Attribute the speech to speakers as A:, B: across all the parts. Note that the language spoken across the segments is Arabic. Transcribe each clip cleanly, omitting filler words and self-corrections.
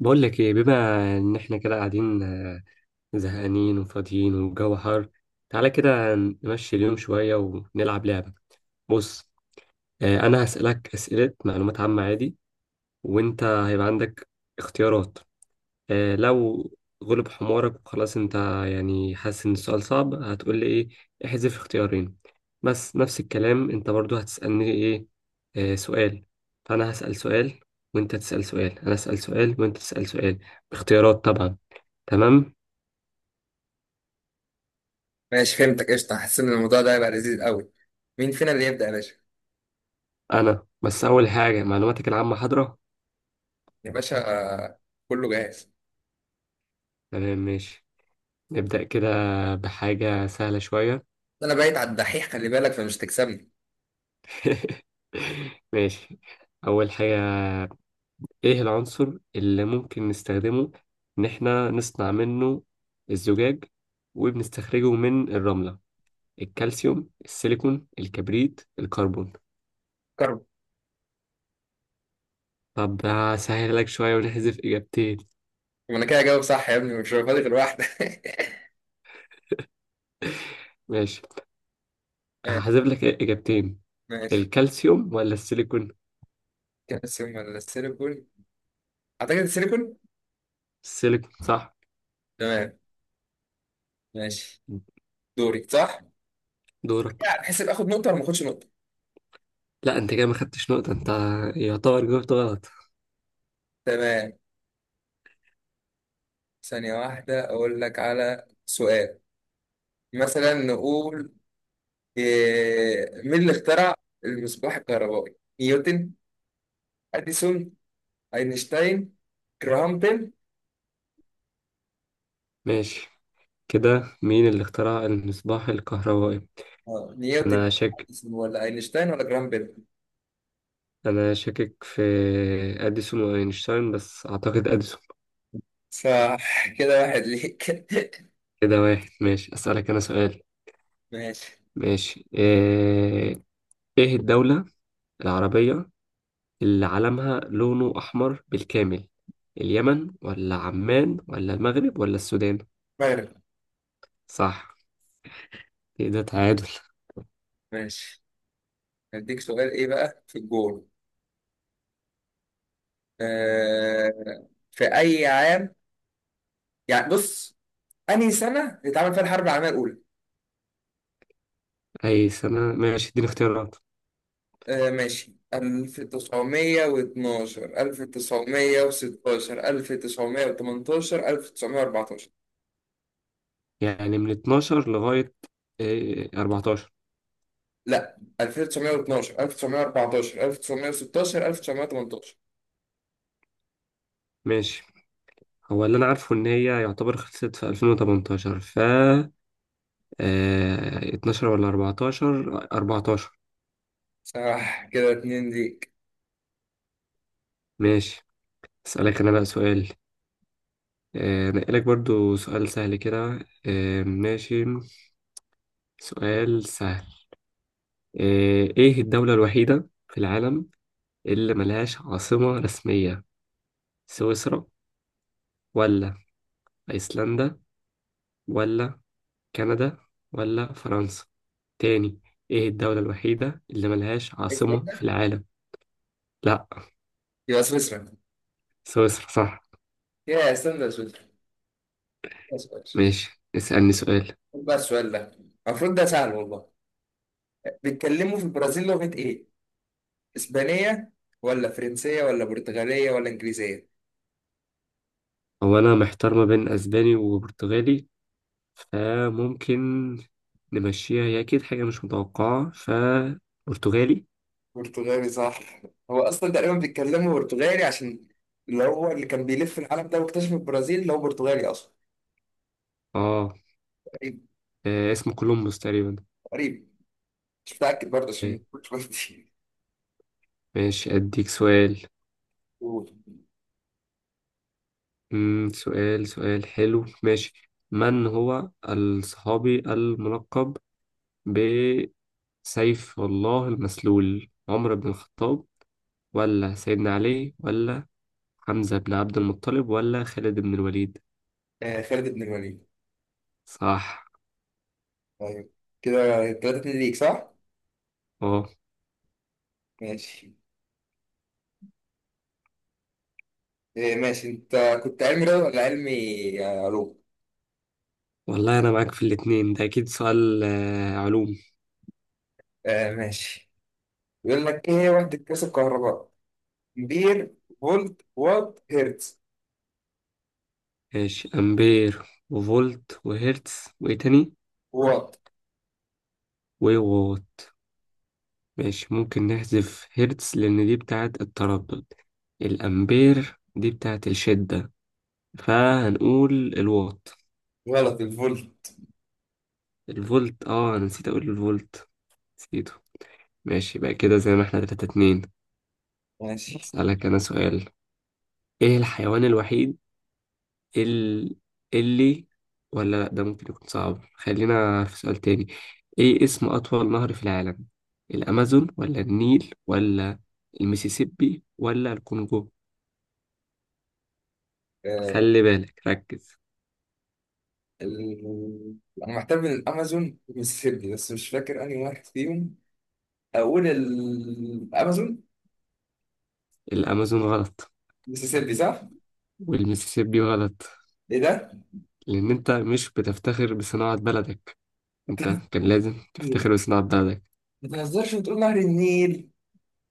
A: بقول لك ايه؟ بما ان احنا كده قاعدين، زهقانين وفاضيين والجو حر، تعالى كده نمشي اليوم شوية ونلعب لعبة. بص، انا هسألك أسئلة معلومات عامة عادي، وانت هيبقى عندك اختيارات. لو غلب حمارك وخلاص، انت يعني حاسس ان السؤال صعب، هتقول لي ايه؟ احذف اختيارين. بس نفس الكلام، انت برضو هتسألني ايه؟ سؤال. فانا هسأل سؤال وانت تسأل سؤال، انا اسأل سؤال وانت تسأل سؤال، باختيارات طبعا. تمام.
B: ماشي، فهمتك قشطة. حاسس إن الموضوع ده هيبقى لذيذ قوي. مين فينا اللي يبدأ يا باشا؟
A: انا بس اول حاجه، معلوماتك العامه حاضره؟
B: يا باشا. آه، كله جاهز.
A: تمام ماشي، نبدا كده بحاجه سهله شويه.
B: أنا بايت على الدحيح، خلي بالك فمش تكسبني.
A: ماشي. اول حاجه، ايه العنصر اللي ممكن نستخدمه ان احنا نصنع منه الزجاج وبنستخرجه من الرمله؟ الكالسيوم، السيليكون، الكبريت، الكربون.
B: كرب.
A: طب هسهل لك شويه ونحذف اجابتين.
B: وأنا كده هجاوب صح يا ابني؟ مش فاضي غير واحدة.
A: ماشي،
B: آه،
A: هحذف لك اجابتين.
B: ماشي.
A: الكالسيوم ولا السيليكون؟
B: كالسيوم ولا السيليكون؟ أعتقد السيليكون.
A: السيليكون صح.
B: تمام. ماشي. دوري صح؟
A: دورك.
B: يعني تحسب آخد نقطة ولا ما آخدش نقطة؟
A: لا، انت كده ما خدتش نقطة، انت يعتبر جاوبت غلط.
B: تمام. ثانية واحدة أقول لك على سؤال. مثلا نقول مين اللي اخترع المصباح الكهربائي؟ نيوتن؟ أديسون؟ اينشتاين؟ جراهام بيل؟
A: ماشي. كده مين اللي اخترع المصباح الكهربائي؟
B: نيوتن؟
A: انا شاك.
B: أديسون ولا اينشتاين ولا جراهام بيل؟
A: انا شاكك في اديسون واينشتاين، بس اعتقد اديسون.
B: صح، كده واحد ليك.
A: كده واحد. ماشي، اسألك انا سؤال.
B: ماشي.
A: ماشي ايه؟ إيه الدولة العربية اللي علمها لونه احمر بالكامل؟ اليمن ولا عمان ولا المغرب ولا السودان؟
B: مغرب.
A: صح. كده تعادل.
B: ماشي، هديك سؤال ايه بقى في الجول. في اي عام، يعني بص، انهي سنة اتعمل فيها الحرب العالمية الأولى؟
A: اي سنة؟ ماشي اديني اختيارات.
B: آه ماشي، 1912، 1916، 1918، 1914.
A: يعني من 12 لغاية 14؟
B: لا، 1912، 1914، 1916، 1918.
A: ماشي. هو اللي أنا عارفه إن هي يعتبر خلصت في 2018، ف 12 ولا 14؟ 14.
B: صح، كده اتنين ليك.
A: ماشي. أسألك أنا بقى سؤال. نقلك برضو سؤال سهل كده. ماشي. سؤال سهل. إيه الدولة الوحيدة في العالم اللي ملهاش عاصمة رسمية؟ سويسرا ولا أيسلندا ولا كندا ولا فرنسا؟ تاني: ايه الدولة الوحيدة اللي ملهاش عاصمة في
B: ايسلندا؟
A: العالم؟ لا.
B: يبقى سويسرا.
A: سويسرا صح.
B: يا ايسلندا، سويسرا. بس بس.
A: ماشي، اسألني سؤال.
B: خد بقى السؤال ده، المفروض ده سهل والله. بيتكلموا في البرازيل لغة ايه؟ اسبانية ولا فرنسية ولا برتغالية ولا انجليزية؟
A: هو انا محتار ما بين اسباني وبرتغالي، فممكن نمشيها، هي اكيد حاجة مش متوقعة، فبرتغالي.
B: برتغالي صح. هو اصلا تقريبا بيتكلموا برتغالي عشان اللي هو اللي كان بيلف العالم ده واكتشف البرازيل، اللي هو برتغالي اصلا.
A: اه.
B: قريب.
A: اسمه كولومبوس تقريبا.
B: قريب، مش متأكد برضه
A: آه،
B: عشان مش
A: ماشي، اديك سؤال.
B: قلت.
A: سؤال حلو. ماشي، من هو الصحابي الملقب سيف الله المسلول؟ عمر بن الخطاب ولا سيدنا علي ولا حمزة بن عبد المطلب ولا خالد بن الوليد؟
B: آه، خالد بن الوليد.
A: صح.
B: طيب كده 3-2 ليك صح؟
A: اه.
B: ماشي. آه ماشي، انت كنت علمي رياضة ولا علمي علوم؟
A: والله أنا معاك في الاتنين ده، أكيد سؤال علوم.
B: آه ماشي. بيقول لك ايه هي وحدة قياس الكهرباء؟ امبير، فولت، وات، هرتز.
A: ماشي، أمبير وفولت وهرتز. وإيه تاني؟
B: وات.
A: ووات. ماشي، ممكن نحذف هرتز لأن دي بتاعة التردد، الأمبير دي بتاعة الشدة، فهنقول الوات.
B: غلط، الفولت.
A: الفولت، اه، أنا نسيت أقول الفولت، نسيته. ماشي بقى، كده زي ما احنا تلاتة اتنين.
B: ماشي.
A: اسألك انا سؤال. ايه الحيوان الوحيد ال... اللي ولا لا، ده ممكن يكون صعب، خلينا في سؤال تاني. ايه اسم اطول نهر في العالم؟ الامازون ولا النيل ولا المسيسيبي ولا الكونغو؟
B: آه
A: خلي بالك، ركز.
B: ال... انا محتار بين الامازون والمسيسيبي، بس مش فاكر انهي واحد فيهم. اقول الامازون.
A: الامازون غلط،
B: المسيسيبي صح؟
A: والمسيسيبي غلط.
B: ايه ده؟
A: لان انت مش بتفتخر بصناعة بلدك، انت كان لازم تفتخر بصناعة بلدك.
B: ما تهزرش وتقول نهر النيل.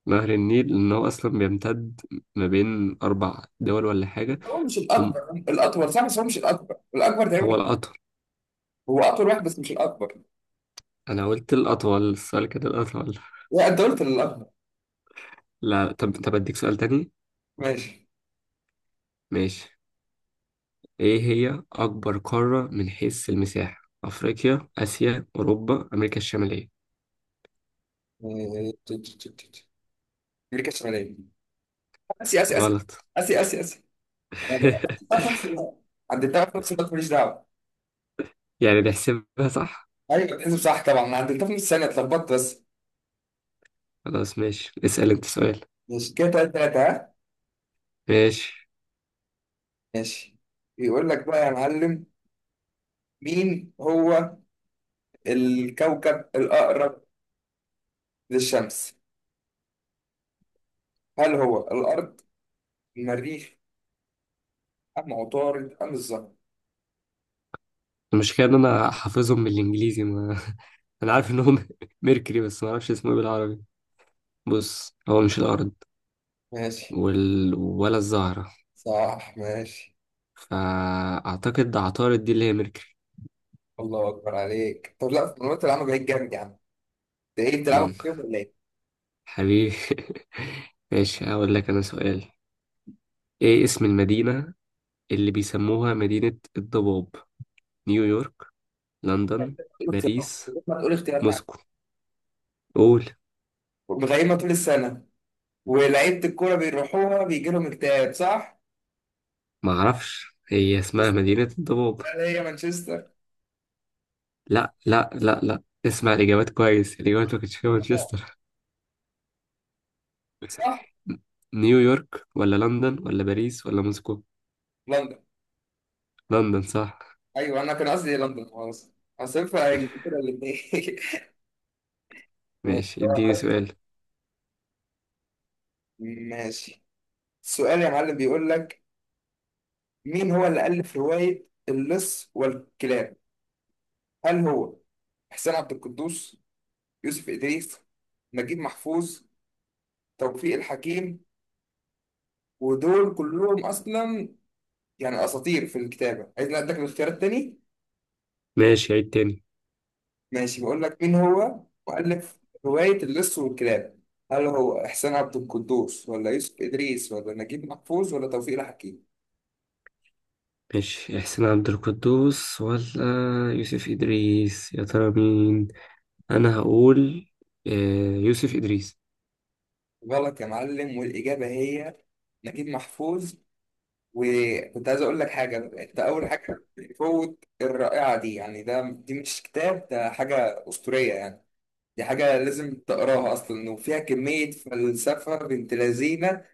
A: نهر النيل، لأن هو أصلا بيمتد ما بين أربع دول ولا حاجة.
B: هو مش
A: هم-
B: الأكبر، الأطول صح، بس هو مش الأكبر، الأكبر
A: هو
B: تقريبا.
A: الأطول.
B: هو أطول واحد بس مش الأكبر.
A: أنا قلت الأطول، السؤال كده الأطول.
B: لا، أنت قلت الأكبر.
A: لا، طب أديك سؤال تاني.
B: ماشي.
A: ماشي. إيه هي أكبر قارة من حيث المساحة؟ أفريقيا، آسيا، أوروبا، أمريكا الشمالية؟
B: إيه، ت- ت- ت- ت- أمريكا الشمالية. آسيا آسيا آسيا.
A: غلط.
B: آسيا آسيا آسيا. عدتها في نفس الوقت. عدتها في نفس الوقت، ماليش دعوة.
A: يعني نحسبها صح؟
B: أيوة، بتحسب صح طبعا، أنا عدتها في نفس الثانية، اتلخبطت بس.
A: خلاص ماشي، اسأل أنت سؤال.
B: ماشي، كده 3-3. ها؟
A: ماشي.
B: ماشي. يقول لك بقى يا معلم، مين هو الكوكب الأقرب للشمس؟ هل هو الأرض؟ المريخ؟ أم عطارد أم الزهر؟
A: المشكلة إن أنا حافظهم بالإنجليزي، ما... أنا عارف إنهم ميركوري، بس ما أعرفش اسمه إيه بالعربي. بص، هو مش الأرض
B: ماشي.
A: ولا الزهرة.
B: صح. ماشي.
A: فأعتقد عطارد دي اللي هي ميركوري.
B: الله اكبر عليك، طب لا في المنوط العامة بقيت جامد يا عم. ده ايه، بتلعبوا
A: مم.
B: كتير ولا ايه؟
A: حبيبي. ماشي، هقول لك أنا سؤال. إيه اسم المدينة اللي بيسموها مدينة الضباب؟ نيويورك، لندن،
B: ايه الاختيارات؟
A: باريس،
B: ما تقول اختيارات.
A: موسكو. قول.
B: مغيمة طول السنة، ولعيبة الكورة بيروحوها بيجي لهم اكتئاب صح؟
A: معرفش، هي اسمها مدينة الضباب.
B: هل هي مانشستر؟
A: لا، اسمع الإجابات كويس، الإجابات ما كانتش فيها
B: آه.
A: مانشستر.
B: صح؟
A: م- نيويورك ولا لندن ولا باريس ولا موسكو؟
B: لندن.
A: لندن صح.
B: ايوه، انا كان قصدي لندن، خلاص. هصفها انجلترا الاثنين.
A: ماشي، اديني سؤال.
B: ماشي. السؤال يا معلم بيقول لك، مين هو اللي ألف رواية اللص والكلاب؟ هل هو حسين عبد القدوس؟ يوسف إدريس؟ نجيب محفوظ؟ توفيق الحكيم؟ ودول كلهم أصلا يعني أساطير في الكتابة. عايز أديك الاختيارات تاني؟
A: ماشي، عيد تاني.
B: ماشي، بقول لك مين هو مؤلف رواية اللص والكلاب؟ هل هو إحسان عبد القدوس ولا يوسف إدريس ولا نجيب محفوظ ولا توفيق الحكيم؟
A: ماشي، إحسان عبد القدوس ولا يوسف إدريس، يا ترى مين؟ أنا هقول آه، يوسف إدريس.
B: غلط يا معلم، والإجابة هي نجيب محفوظ. وكنت عايز أقول لك حاجة، أنت أول حاجة فوت الرائعة دي. يعني ده، دي مش كتاب، ده حاجة أسطورية يعني. دي حاجة لازم تقراها أصلا، وفيها كمية فلسفة بنت لذينة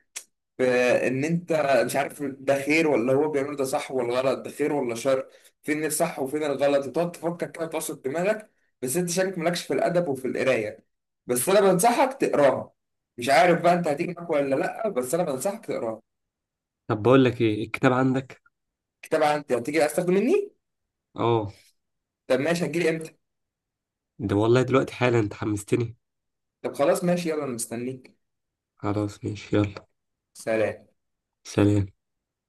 B: في إن أنت مش عارف ده خير ولا هو بيعمله، ده صح ولا غلط، ده خير ولا شر. فين الصح وفين الغلط، وتقعد تفكر كده وتعصر دماغك. بس أنت شكلك مالكش في الأدب وفي القراية، بس أنا بنصحك تقراها. مش عارف بقى أنت هتيجي معاك ولا لأ، بس أنا بنصحك تقراها.
A: طب بقول لك، إيه الكتاب عندك؟
B: كتاب عندي، هتيجي عايز تاخده مني؟
A: اه.
B: طب ماشي، هتجيلي إمتى؟
A: ده والله دلوقتي حالا، أنت حمستني.
B: طب خلاص، ماشي يلا، أنا مستنيك.
A: خلاص ماشي، يلا.
B: سلام.
A: سلام.